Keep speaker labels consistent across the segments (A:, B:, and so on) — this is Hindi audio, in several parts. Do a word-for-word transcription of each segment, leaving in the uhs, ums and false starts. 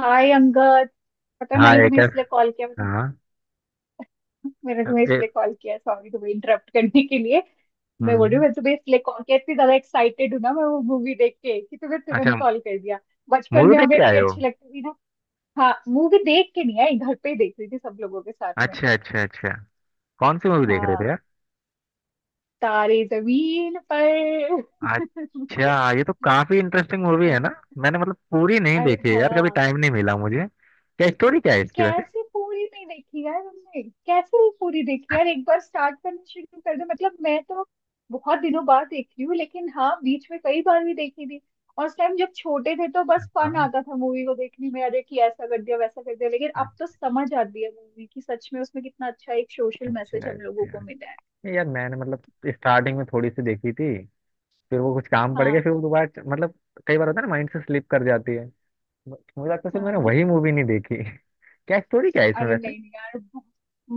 A: हाय अंगद। पता है
B: हाँ।
A: मैंने
B: एक
A: तुम्हें
B: ऐस-
A: इसलिए कॉल किया, मैंने
B: हाँ।
A: मैंने तुम्हें
B: ए,
A: इसलिए कॉल किया। सॉरी तुम्हें इंटरप्ट करने के लिए। मैं बोल रही
B: हम्म।
A: हूँ मैं तुम्हें इसलिए कॉल किया इतनी ज्यादा एक्साइटेड हूँ ना, मैं वो मूवी देख के कि तुम्हें
B: अच्छा।
A: तुरंत कॉल कर दिया। बचपन
B: मूवी
A: में
B: देख
A: हमें
B: के आए
A: इतनी
B: हो?
A: अच्छी लगती थी ना। हाँ, मूवी देख के नहीं आई, घर पे ही देख रही थी सब लोगों के साथ में।
B: अच्छा अच्छा अच्छा। कौन सी मूवी देख रहे
A: हाँ,
B: थे यार?
A: तारे जमीन पर।
B: अच्छा, ये तो काफी इंटरेस्टिंग मूवी है ना।
A: हाँ।
B: मैंने मतलब पूरी नहीं
A: अरे
B: देखी है यार, कभी
A: हाँ,
B: टाइम नहीं मिला मुझे। क्या स्टोरी क्या है इसकी वैसे?
A: कैसे पूरी नहीं देखी यार, हमने कैसे नहीं पूरी देखी यार। एक बार स्टार्ट करना शुरू कर दे मतलब, मैं तो बहुत दिनों बाद देख रही हूँ लेकिन हाँ बीच में कई बार भी देखी थी। और उस टाइम जब छोटे थे तो बस फन
B: हाँ।
A: आता था मूवी को देखने में, अरे कि ऐसा कर दिया वैसा कर दिया, लेकिन अब तो समझ आती है मूवी की। सच में उसमें कितना अच्छा एक सोशल मैसेज
B: अच्छा
A: हम लोगों
B: अच्छा।
A: को मिला है।
B: नहीं यार, मैंने मतलब स्टार्टिंग में थोड़ी सी देखी थी। फिर वो कुछ काम पड़ गया,
A: हाँ
B: फिर वो दोबारा च- मतलब। कई बार होता है ना, माइंड से स्लिप कर जाती है। म- मुझे लगता है सिर्फ मैंने
A: हाँ।
B: वही मूवी नहीं देखी। क्या स्टोरी क्या है इसमें
A: अरे
B: वैसे?
A: नहीं नहीं यार,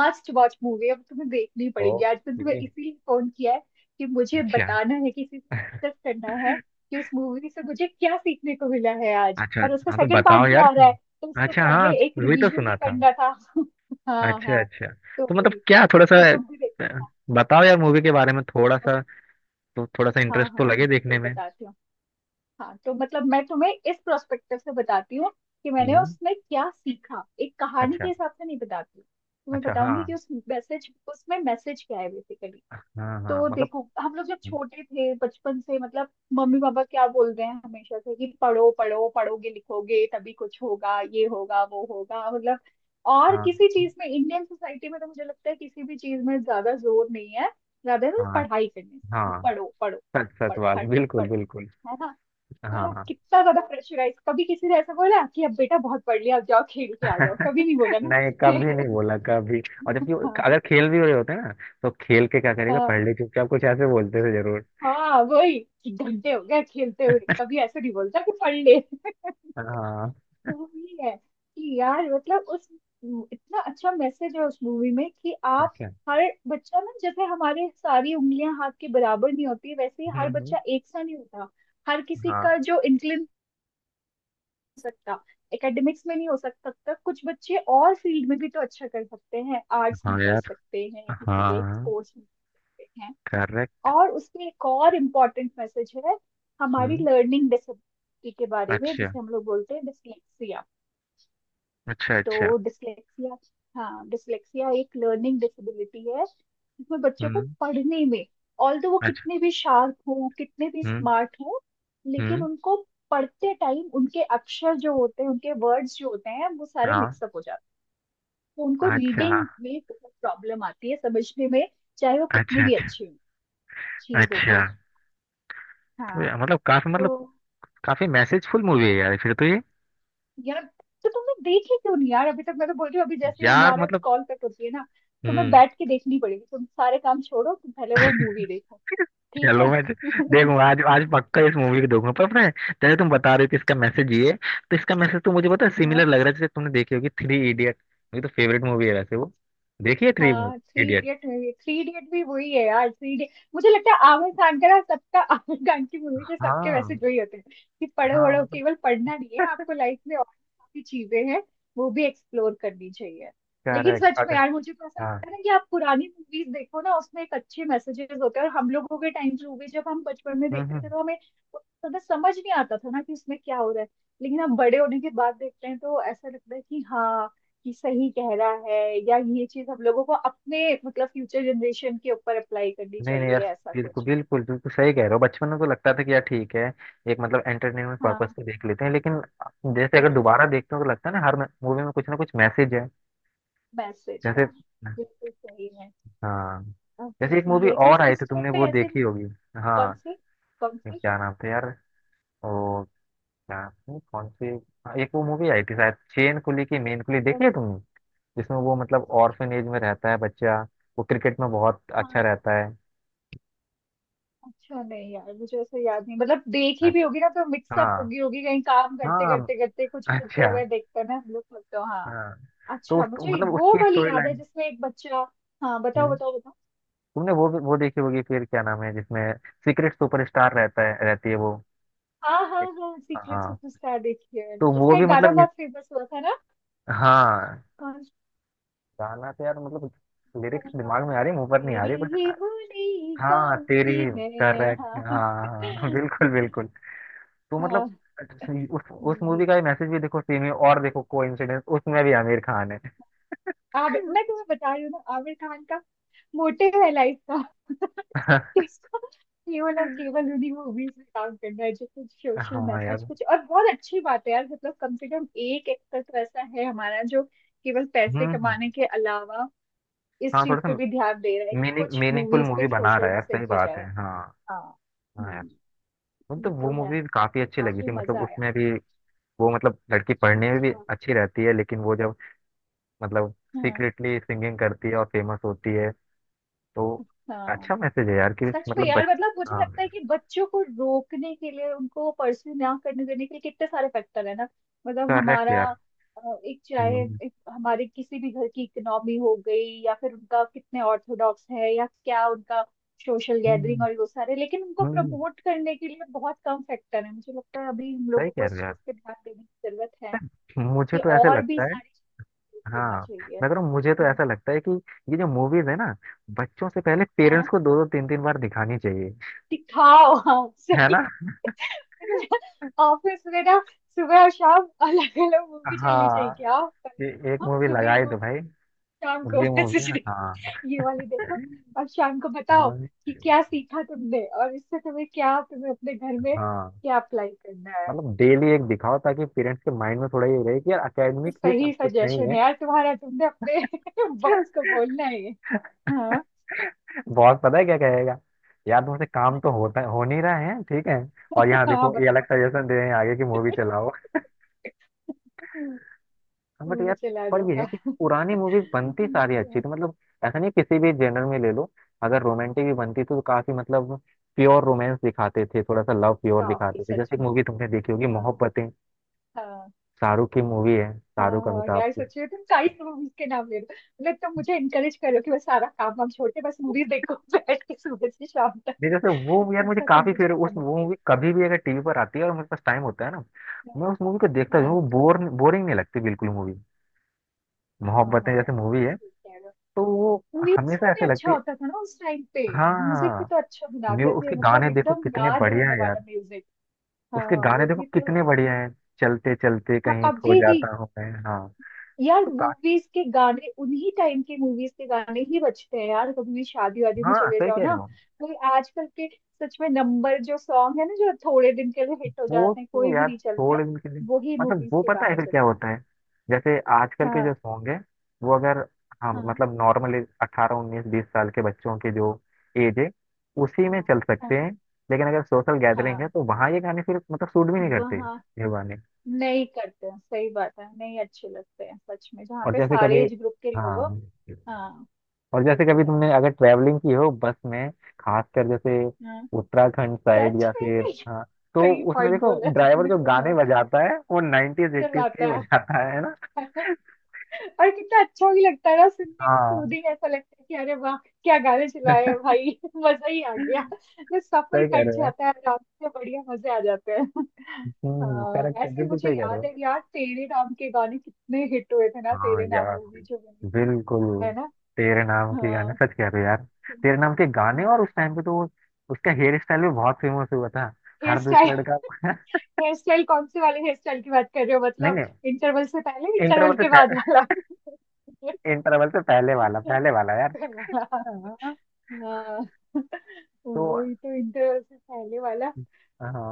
A: मस्ट वॉच मूवी है, अब तुम्हें देखनी पड़ेगी आज। तो तुम्हें
B: ओके।
A: इसीलिए फोन किया है कि मुझे
B: अच्छा।
A: बताना है, किसी से डिस्कस करना है कि उस मूवी से मुझे क्या सीखने को मिला है आज।
B: अच्छा
A: और उसका
B: हाँ, तो
A: सेकंड पार्ट
B: बताओ
A: भी
B: यार।
A: आ रहा है तो उससे
B: अच्छा हाँ,
A: पहले एक
B: वही तो
A: रिवीजन
B: सुना
A: भी
B: था।
A: करना था। हाँ
B: अच्छा
A: हाँ।
B: अच्छा।
A: तो
B: तो मतलब
A: वही,
B: क्या थोड़ा सा,
A: तो तुम भी
B: अ,
A: देखो।
B: बताओ यार मूवी के बारे में थोड़ा सा। तो थोड़ा सा
A: हाँ
B: इंटरेस्ट तो
A: हाँ
B: लगे
A: बिल्कुल
B: देखने में।
A: बताती हूँ। हाँ तो मतलब मैं तुम्हें इस प्रोस्पेक्टिव से बताती हूँ कि मैंने
B: हम्म।
A: उसमें क्या सीखा। एक कहानी के
B: अच्छा
A: हिसाब से नहीं बताती, तुम्हें
B: अच्छा। हाँ
A: बताऊंगी कि उस मैसेज, उसमें मैसेज क्या है बेसिकली।
B: हाँ हाँ
A: तो
B: मतलब।
A: देखो हम लोग जब छोटे थे बचपन से मतलब, मम्मी पापा क्या बोलते हैं हमेशा से कि पढ़ो पढ़ो, पढ़ोगे लिखोगे तभी कुछ होगा, ये होगा वो होगा मतलब। और
B: हाँ
A: किसी चीज में इंडियन सोसाइटी में तो मुझे लगता है किसी भी चीज में ज्यादा जोर नहीं है, ज्यादा ना,
B: हाँ
A: पढ़ाई करने से कि
B: हाँ,
A: पढ़ो पढ़ो
B: सच
A: पढ़ो
B: सच
A: पढ़ो
B: बात,
A: हर टाइम
B: बिल्कुल
A: पढ़ो।
B: बिल्कुल।
A: है ना। है ना,
B: हाँ।
A: कितना ज्यादा प्रेशराइज। कभी किसी ने ऐसा बोला कि अब बेटा बहुत पढ़ लिया, अब जाओ खेल के आ जाओ। कभी नहीं बोला ना
B: नहीं,
A: किसी
B: कभी नहीं
A: ने।
B: बोला कभी। और जबकि वो-
A: हाँ
B: अगर खेल भी हो रहे होते ना, तो खेल के क्या करेगा
A: हाँ।
B: पढ़ ले चुपचाप, कुछ ऐसे बोलते थे जरूर।
A: हाँ, वही कि घंटे हो गए खेलते हुए, कभी ऐसा नहीं बोलता कि पढ़ ले।
B: हाँ।
A: तो वो ये है कि यार मतलब उस इतना अच्छा मैसेज है उस मूवी में कि आप,
B: अच्छा।
A: हर बच्चा ना, जैसे हमारे सारी उंगलियां हाथ के बराबर नहीं होती वैसे ही
B: हम्म
A: हर
B: हम्म।
A: बच्चा एक सा नहीं होता। हर किसी
B: हाँ।
A: का जो सकता एकेडमिक्स में नहीं हो सकता तक कुछ बच्चे और फील्ड में भी तो अच्छा कर सकते हैं, आर्ट्स में
B: हाँ
A: कर
B: यार।
A: सकते हैं, किसी एक
B: हाँ,
A: स्पोर्ट्स में कर सकते हैं।
B: करेक्ट।
A: और उसमें एक और इम्पोर्टेंट मैसेज है हमारी
B: हम्म।
A: लर्निंग डिसेबिलिटी के बारे में,
B: अच्छा
A: जिसे हम लोग बोलते हैं डिसलेक्सिया।
B: अच्छा अच्छा।
A: तो डिसलेक्सिया, हाँ, डिसलेक्सिया एक लर्निंग डिसेबिलिटी है। इसमें बच्चों को
B: हम्म।
A: पढ़ने में, ऑल दो वो
B: अच्छा।
A: कितने भी शार्प हो कितने भी
B: हम्म
A: स्मार्ट हो, लेकिन
B: हम्म।
A: उनको पढ़ते टाइम उनके अक्षर जो होते हैं, उनके वर्ड्स जो होते हैं वो सारे
B: हाँ।
A: मिक्सअप हो जाते हैं। तो उनको
B: अच्छा
A: रीडिंग में बहुत प्रॉब्लम आती है समझने में, चाहे वो कितने
B: अच्छा
A: भी
B: अच्छा
A: अच्छे हों चीजों
B: अच्छा।
A: को।
B: तो
A: हाँ।
B: यार, मतलब काफी
A: तो
B: मतलब, काफी मैसेजफुल मूवी है
A: हाँ,
B: यार फिर तो ये।
A: यार, तो तुमने देखी क्यों नहीं यार अभी तक। मैं तो बोल रही हूँ अभी जैसे
B: यार
A: हमारा
B: मतलब।
A: कॉल कट होती है ना, तुम्हें
B: हम्म।
A: बैठ के देखनी पड़ेगी, तुम सारे काम छोड़ो, तुम पहले वो मूवी देखो। ठीक है।
B: चलो, मैं देखूंगा, आज आज पक्का इस मूवी को देखूंगा। पर पता है, जैसे तुम बता रहे हो कि इसका मैसेज ये है, तो इसका मैसेज तो मुझे पता है। सिमिलर लग रहा है, जैसे तुमने देखी होगी थ्री इडियट। मेरी तो फेवरेट मूवी है वैसे वो, देखिए थ्री
A: हाँ, three
B: idiot.
A: Idiot movie, three idiot भी वही है यार। थ्री इडियट मुझे लगता है आमिर खान का ना, सबका आमिर खान की मूवी के सबके वैसे
B: हाँ
A: जो ही होते हैं कि पढ़ो
B: हाँ
A: वढ़ो,
B: मतलब।
A: केवल पढ़ना नहीं है, आपको लाइफ में और भी काफी चीजें हैं वो भी एक्सप्लोर करनी चाहिए। लेकिन
B: करेक्ट।
A: सच में
B: अगर
A: यार मुझे तो ऐसा
B: हाँ।
A: लगता है ना कि आप पुरानी मूवीज देखो ना, उसमें एक अच्छे मैसेजेस होते हैं। और हम लोगों के टाइम की मूवी जब हम बचपन में
B: हम्म
A: देखते थे
B: हम्म।
A: तो हमें उतना ज्यादा समझ नहीं आता था ना कि उसमें क्या हो रहा है, लेकिन अब बड़े होने के बाद देखते हैं तो ऐसा लगता है कि हाँ, कि सही कह रहा है। या ये चीज हम लोगों को अपने मतलब फ्यूचर जनरेशन के ऊपर अप्लाई करनी
B: नहीं नहीं यार,
A: चाहिए ऐसा
B: बिल्कुल
A: कुछ।
B: बिल्कुल बिल्कुल सही कह रहे हो। बचपन में तो लगता था कि यार ठीक है, एक मतलब एंटरटेनमेंट पर्पस
A: हाँ।
B: से देख लेते हैं, लेकिन जैसे अगर
A: बिल-।
B: दोबारा देखते हो तो लगता है ना, हर मूवी में कुछ ना कुछ मैसेज है।
A: मैसेज
B: जैसे,
A: हाँ। बिल्कुल सही है।
B: हाँ,
A: अब
B: जैसे
A: बस
B: एक मूवी
A: ये है कि
B: और आई
A: उस
B: थी,
A: टाइम
B: तुमने
A: पे
B: वो
A: ऐसे।
B: देखी होगी।
A: कौन
B: हाँ,
A: सी। कौन सी।
B: क्या नाम था यार। ओ, क्या, कौन सी। हाँ, एक वो मूवी आई थी शायद, चेन कुली की मेन कुली,
A: कौन
B: देखी है
A: सी।
B: तुमने? जिसमें वो मतलब ऑर्फनेज में रहता है बच्चा, वो क्रिकेट में बहुत अच्छा
A: हाँ,
B: रहता है।
A: अच्छा नहीं यार मुझे ऐसे याद नहीं, मतलब देखी भी होगी ना
B: अच्छा।
A: तो मिक्सअप
B: हाँ
A: होगी, होगी कहीं, काम करते
B: हाँ।
A: करते करते कुछ करते
B: अच्छा
A: हुए देखते हैं ना हम लोग, तो हाँ।
B: हाँ, तो उस
A: अच्छा, मुझे
B: मतलब
A: वो
B: उसकी
A: वाली
B: स्टोरी
A: याद है
B: लाइन।
A: जिसमें एक बच्चा। हाँ बताओ
B: हम्म।
A: बताओ।
B: तुमने वो भी वो देखी होगी फिर, क्या नाम है जिसमें सीक्रेट सुपरस्टार रहता है, रहती है वो।
A: हाँ हाँ हाँ, सीक्रेट
B: हाँ,
A: सुपरस्टार देखी है मैंने,
B: तो वो
A: उसका
B: भी
A: एक गाना
B: मतलब इस।
A: बहुत फेमस हुआ था ना।
B: हाँ।
A: कौन सा
B: गाना तो यार मतलब, लिरिक्स
A: गाना था वो।
B: दिमाग में आ रही, मुंह पर नहीं आ
A: तेरी
B: रही कुछ।
A: ही बोली
B: हाँ, तेरी।
A: गाऊंगी मैं,
B: करेक्ट।
A: हाँ।
B: हाँ हाँ। बिल्कुल बिल्कुल। तो
A: हाँ,
B: मतलब उस उस मूवी
A: वही।
B: का ही मैसेज भी देखो, सेम है। और देखो, कोइंसिडेंस, उसमें भी आमिर खान है।
A: आमिर, मैं तुम्हें बता रही हूँ ना, आमिर खान का मोटिव है लाइफ का कि इसको केवल और केवल उन्हीं मूवीज में काम करना है जो कुछ सोशल
B: हाँ
A: मैसेज,
B: यार।
A: कुछ। और बहुत अच्छी बात है यार मतलब, कम से कम एक एक्टर तो ऐसा है हमारा जो केवल पैसे
B: हम्म हम्म।
A: कमाने के अलावा इस
B: हाँ
A: चीज
B: थोड़ा सा
A: पे भी ध्यान दे रहा है कि
B: मीनिंग
A: कुछ
B: मीनिंगफुल
A: मूवीज पे
B: मूवी बना रहा
A: सोशल
B: है यार,
A: मैसेज
B: सही
A: भी
B: बात है।
A: जाए।
B: हाँ।
A: हाँ।
B: हाँ यार,
A: हम्म। ये
B: मतलब वो
A: तो है,
B: मूवी काफी अच्छी लगी
A: काफी
B: थी, मतलब
A: मजा आया।
B: उसमें भी वो, मतलब लड़की पढ़ने में भी
A: अच्छा।
B: अच्छी रहती है, लेकिन वो जब मतलब
A: हाँ
B: सीक्रेटली सिंगिंग करती है और फेमस होती है, तो
A: हाँ,
B: अच्छा मैसेज है यार कि
A: सच में
B: मतलब
A: यार
B: बच।
A: मतलब मुझे
B: हाँ
A: लगता है कि बच्चों को रोकने के लिए, उनको परस्यू ना करने देने के लिए कितने सारे फैक्टर है ना मतलब।
B: करेक्ट
A: हमारा
B: यार।
A: अ, एक,
B: हम्म
A: चाहे
B: हम्म।
A: एक हमारे किसी भी घर की इकोनॉमी हो गई, या फिर उनका कितने ऑर्थोडॉक्स है, या क्या उनका सोशल गैदरिंग,
B: हम्म।
A: और वो सारे। लेकिन उनको
B: हम्म।
A: प्रमोट करने के लिए बहुत कम फैक्टर है, मुझे लगता है अभी हम
B: सही
A: लोगों को
B: कह
A: इस
B: रहे हो यार,
A: चीज पे ध्यान देने की जरूरत है
B: मुझे
A: कि
B: तो ऐसे
A: और भी
B: लगता है।
A: सारी चीजें
B: हाँ,
A: करना चाहिए।
B: मैं कह रहा हूँ मुझे तो
A: हम्म।
B: ऐसा लगता है कि ये जो मूवीज है ना, बच्चों से पहले पेरेंट्स
A: हाँ
B: को दो दो तीन तीन बार दिखानी चाहिए।
A: दिखाओ हाँ।
B: है ना?
A: ऑफिस में ना, सुबह और शाम अलग अलग मूवी चलनी चाहिए
B: हाँ
A: क्या।
B: ये। एक
A: हम
B: मूवी
A: सुबह ही
B: लगाई तो
A: मूवी,
B: भाई,
A: शाम को
B: ये मूवी
A: मैसेज।
B: है, हाँ।
A: ये वाली देखो, और शाम को बताओ
B: हाँ
A: कि क्या सीखा तुमने और इससे तुम्हें क्या, तुम्हें अपने घर में
B: हाँ
A: क्या अप्लाई करना है।
B: मतलब डेली एक दिखाओ, ताकि पेरेंट्स के माइंड में थोड़ा ये रहे कि यार
A: तो
B: अकेडमिक ही सब
A: सही
B: कुछ नहीं
A: सजेशन
B: है।
A: है यार तुम्हारा, तुमने अपने बॉस को बोलना है ये। हाँ
B: बॉस पता है क्या कहेगा, यार तुमसे काम तो होता हो नहीं रहा है ठीक है, और यहाँ
A: हाँ
B: देखो ये अलग
A: बताओ,
B: सजेशन दे रहे हैं आगे की मूवी चलाओ। बट
A: मूवी
B: यार,
A: चला
B: पर
A: दो
B: ये है
A: हाँ।
B: कि पुरानी मूवीज बनती
A: ये
B: सारी
A: तो
B: अच्छी
A: है।
B: थी मतलब, ऐसा नहीं, किसी भी जेनर में ले लो। अगर रोमांटिक भी बनती थी तो काफी मतलब प्योर रोमांस दिखाते थे, थोड़ा सा लव प्योर
A: काफी
B: दिखाते थे,
A: सच
B: जैसे एक
A: में।
B: मूवी तुमने देखी होगी
A: हाँ
B: मोहब्बतें।
A: हाँ।
B: शाहरुख की मूवी है, शाहरुख
A: हाँ
B: अमिताभ
A: यार
B: की।
A: सच में, तुम साइड मूवीज के नाम ले दो मतलब, तुम मुझे इनकरेज करो कि बस सारा काम वाम छोड़ के बस मूवीज देखो बैठ के सुबह से शाम तक।
B: नहीं, जैसे वो यार मुझे
A: ऐसा तुम
B: काफी
A: मुझे
B: फेवरेट उस
A: प्रमोट
B: वो मूवी, कभी भी अगर टीवी पर आती है और मेरे पास टाइम होता है ना, मैं
A: करो।
B: उस मूवी को देखता हूँ।
A: हाँ
B: वो बोर बोरिंग नहीं लगती बिल्कुल मूवी।
A: हाँ,
B: मोहब्बतें
A: हाँ
B: जैसे
A: यार, ये
B: मूवी
A: तो
B: है,
A: सही कह रहे
B: तो वो
A: हो। म्यूजिक
B: हमेशा
A: भी
B: ऐसे
A: अच्छा
B: लगती है।
A: होता था ना उस टाइम पे।
B: हाँ
A: म्यूजिक भी
B: हाँ।
A: तो अच्छा
B: म्यू-
A: बनाते थे,
B: उसके
A: मतलब
B: गाने देखो
A: एकदम
B: कितने
A: याद
B: बढ़िया
A: रहने
B: है
A: वाला
B: यार।
A: म्यूजिक। हाँ
B: उसके गाने
A: वो
B: देखो
A: भी तो।
B: कितने बढ़िया है। चलते चलते
A: हाँ,
B: कहीं खो
A: अभी भी।
B: जाता हूँ मैं। हाँ।
A: यार
B: तो का
A: मूवीज के गाने उन्हीं टाइम के मूवीज के गाने ही बजते हैं यार, कभी भी शादी वादी में
B: हाँ,
A: चले
B: सही
A: जाओ
B: कह रहे
A: ना,
B: हो।
A: कोई आजकल के, सच में नंबर जो सॉन्ग है ना जो थोड़े दिन के लिए हिट हो
B: वो
A: जाते हैं
B: तो
A: कोई भी
B: यार
A: नहीं चलते
B: छोड़
A: हैं।
B: इनके लिए।
A: वही
B: मतलब
A: मूवीज
B: वो
A: के
B: पता है
A: गाने
B: फिर क्या
A: चलते
B: होता है, जैसे आजकल
A: हैं।
B: के
A: हाँ
B: जो सॉन्ग है, वो अगर, हाँ
A: हाँ
B: मतलब नॉर्मली अट्ठारह उन्नीस बीस साल के बच्चों की जो एज है, उसी में
A: हाँ
B: चल सकते
A: हाँ
B: हैं। लेकिन अगर सोशल गैदरिंग है,
A: हाँ।
B: तो वहाँ ये गाने फिर मतलब सूट भी नहीं करते
A: वहाँ
B: ये गाने।
A: नहीं करते हैं सही बात है, नहीं अच्छे लगते हैं सच में, जहाँ
B: और
A: पे
B: जैसे कभी,
A: सारे एज ग्रुप के लोग हो।
B: हाँ,
A: हाँ
B: और
A: ये
B: जैसे कभी
A: तो है।
B: तुमने अगर ट्रैवलिंग की हो बस में, खासकर जैसे
A: हाँ
B: उत्तराखंड साइड,
A: सच
B: या फिर,
A: में
B: हाँ, तो
A: सही
B: उसमें
A: पॉइंट
B: देखो,
A: बोला
B: ड्राइवर
A: तुमने।
B: जो गाने
A: हाँ,
B: बजाता है वो नाइनटीज
A: चल
B: एटीज के ही
A: आता है,
B: बजाता है।
A: और कितना अच्छा भी लगता है ना सुनने में,
B: हाँ,
A: सूदिंग, ऐसा लगता है कि अरे वाह, क्या गाने चलाए हैं भाई मजा ही आ गया, तो सफर
B: सही कह
A: कट
B: रहे हो यार।
A: जाता है आराम से, बढ़िया मजे आ जाते हैं।
B: हम्म,
A: हाँ
B: करेक्ट है,
A: ऐसे ही
B: बिल्कुल
A: मुझे
B: सही कह रहे
A: याद
B: हो।
A: है यार, तेरे नाम के गाने कितने हिट हुए थे ना,
B: हाँ
A: तेरे नाम
B: यार।
A: मूवी जो बनी थी।
B: बिल्कुल।
A: है ना।
B: तेरे नाम के गाने,
A: हाँ
B: सच कह रहे हो यार। तेरे नाम के गाने, और उस
A: हाँ।
B: टाइम पे तो वो- उसका हेयर स्टाइल भी बहुत फेमस हुआ था,
A: हेयर
B: हर
A: स्टाइल।
B: दूसरा लड़का
A: हेयर स्टाइल कौन से वाले हेयर स्टाइल की बात कर रहे हो,
B: नहीं
A: मतलब
B: नहीं,
A: इंटरवल से पहले,
B: इंटरवल
A: इंटरवल
B: से
A: के बाद
B: पहले,
A: वाला।
B: इंटरवल से पहले वाला, पहले वाला यार। हाँ।
A: हाँ।
B: तो,
A: वही तो इंटरवल से पहले वाला,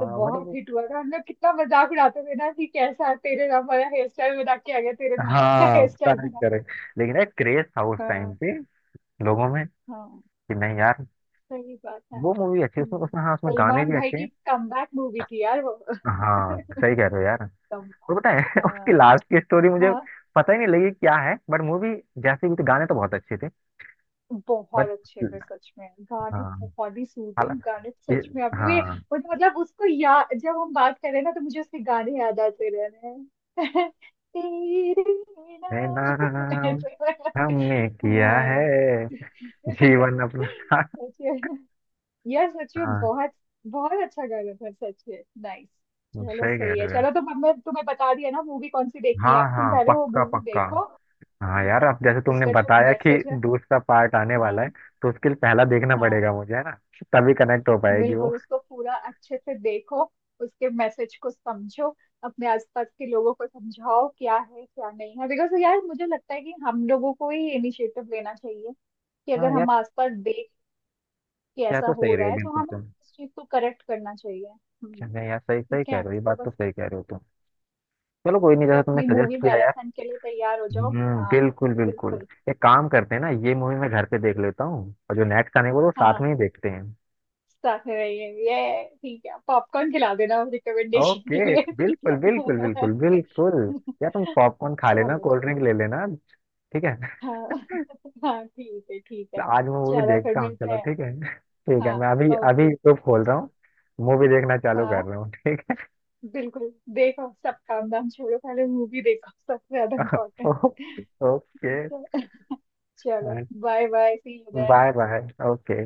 A: तो बहुत
B: मतलब।
A: हिट हुआ था, हम लोग कितना मजाक उड़ाते थे ना कि कैसा तेरे नाम वाला हेयर स्टाइल बना के आ गया, तेरे नाम वाला
B: हाँ
A: हेयर स्टाइल
B: करेक्ट
A: बना के।
B: करेक्ट। लेकिन यार क्रेज था उस टाइम
A: हाँ
B: पे लोगों में
A: हाँ
B: कि नहीं यार,
A: सही बात है।
B: वो मूवी अच्छी है, उसमें
A: हम्म,
B: उसमें हाँ, उसमें गाने
A: सलमान
B: भी
A: भाई
B: अच्छे
A: की
B: हैं।
A: कमबैक मूवी थी यार वो।
B: हाँ, सही कह रहे हो यार।
A: तब।
B: और पता है
A: हाँ
B: उसकी लास्ट की स्टोरी मुझे
A: हाँ,
B: पता ही नहीं लगी क्या है, बट मूवी जैसे भी थी गाने तो बहुत अच्छे थे। बट
A: बहुत अच्छे थे सच में गाने,
B: हाँ,
A: बहुत ही
B: हाला-
A: सूदिंग गाने,
B: ये-
A: सच में अभी भी,
B: हाँ,
A: मतलब मतलब उसको या जब हम बात करें ना तो मुझे उसके गाने याद आते रह रहे हैं। तेरे
B: ये
A: नाम।
B: नाम
A: ऐसे।
B: हमने किया है
A: हाँ
B: जीवन अपना था।
A: सच में यार, सच में
B: हाँ
A: बहुत बहुत अच्छा गाना था सच में, नाइस। चलो
B: सही कह
A: सही है,
B: रहे हो।
A: चलो तो मैं तुम्हें बता दिया ना मूवी कौन सी
B: हाँ
A: देखनी है, अब तुम
B: हाँ
A: पहले वो
B: पक्का
A: मूवी
B: पक्का।
A: देखो,
B: हाँ
A: ठीक
B: यार,
A: है।
B: अब जैसे तुमने
A: उसका जो
B: बताया कि
A: मैसेज है।
B: दूसरा पार्ट आने वाला है,
A: हाँ
B: तो उसके लिए पहला देखना
A: हाँ।
B: पड़ेगा मुझे, है ना? तभी कनेक्ट हो पाएगी वो।
A: बिल्कुल उसको पूरा अच्छे से देखो, उसके मैसेज को समझो, अपने आसपास के लोगों को समझाओ क्या है क्या नहीं है, बिकॉज यार मुझे लगता है कि हम लोगों को ही इनिशिएटिव लेना चाहिए कि अगर
B: हाँ यार,
A: हम आसपास देख के
B: क्या
A: ऐसा
B: तो
A: हो
B: सही रहे
A: रहा
B: हो
A: है तो
B: बिल्कुल
A: हमें
B: तुम।
A: इस चीज को करेक्ट करना चाहिए। हम्म।
B: क्या नहीं यार, सही सही
A: ठीक
B: कह रहे
A: है,
B: हो, ये
A: तो
B: बात
A: बस।
B: तो सही कह रहे हो तुम। चलो
A: हाँ,
B: कोई नहीं,
A: तो
B: जैसा तुमने
A: अपनी
B: सजेस्ट
A: मूवी
B: किया यार।
A: मैराथन के लिए तैयार हो जाओ।
B: हम्म,
A: हाँ
B: बिल्कुल बिल्कुल।
A: बिल्कुल।
B: एक काम करते हैं ना, ये मूवी मैं घर पे देख लेता हूँ, और जो नेट का नहीं वो तो साथ में
A: हाँ,
B: ही देखते हैं।
A: साथ में रहिए ये ठीक है, पॉपकॉर्न खिला देना रिकमेंडेशन के
B: ओके,
A: लिए, ठीक
B: बिल्कुल
A: है।
B: बिल्कुल बिल्कुल बिल्कुल। यार तुम पॉपकॉर्न खा लेना,
A: चलो
B: कोल्ड ड्रिंक
A: चलो।
B: ले लेना। ठीक है।
A: हाँ हाँ ठीक है ठीक है।
B: आज मैं मूवी
A: चलो फिर
B: देखता हूँ,
A: मिलते
B: चलो
A: हैं।
B: ठीक है ठीक है।
A: हाँ,
B: मैं अभी अभी
A: ओके,
B: यूट्यूब खोल रहा
A: चलो।
B: हूँ। मूवी देखना चालू कर
A: हाँ
B: रहा हूँ, ठीक।
A: बिल्कुल देखो सब काम धाम छोड़ो, पहले मूवी देखो, सबसे ज्यादा इम्पोर्टेंट।
B: ओके।
A: ठीक है, चलो bye bye, see you then.
B: Bye bye okay.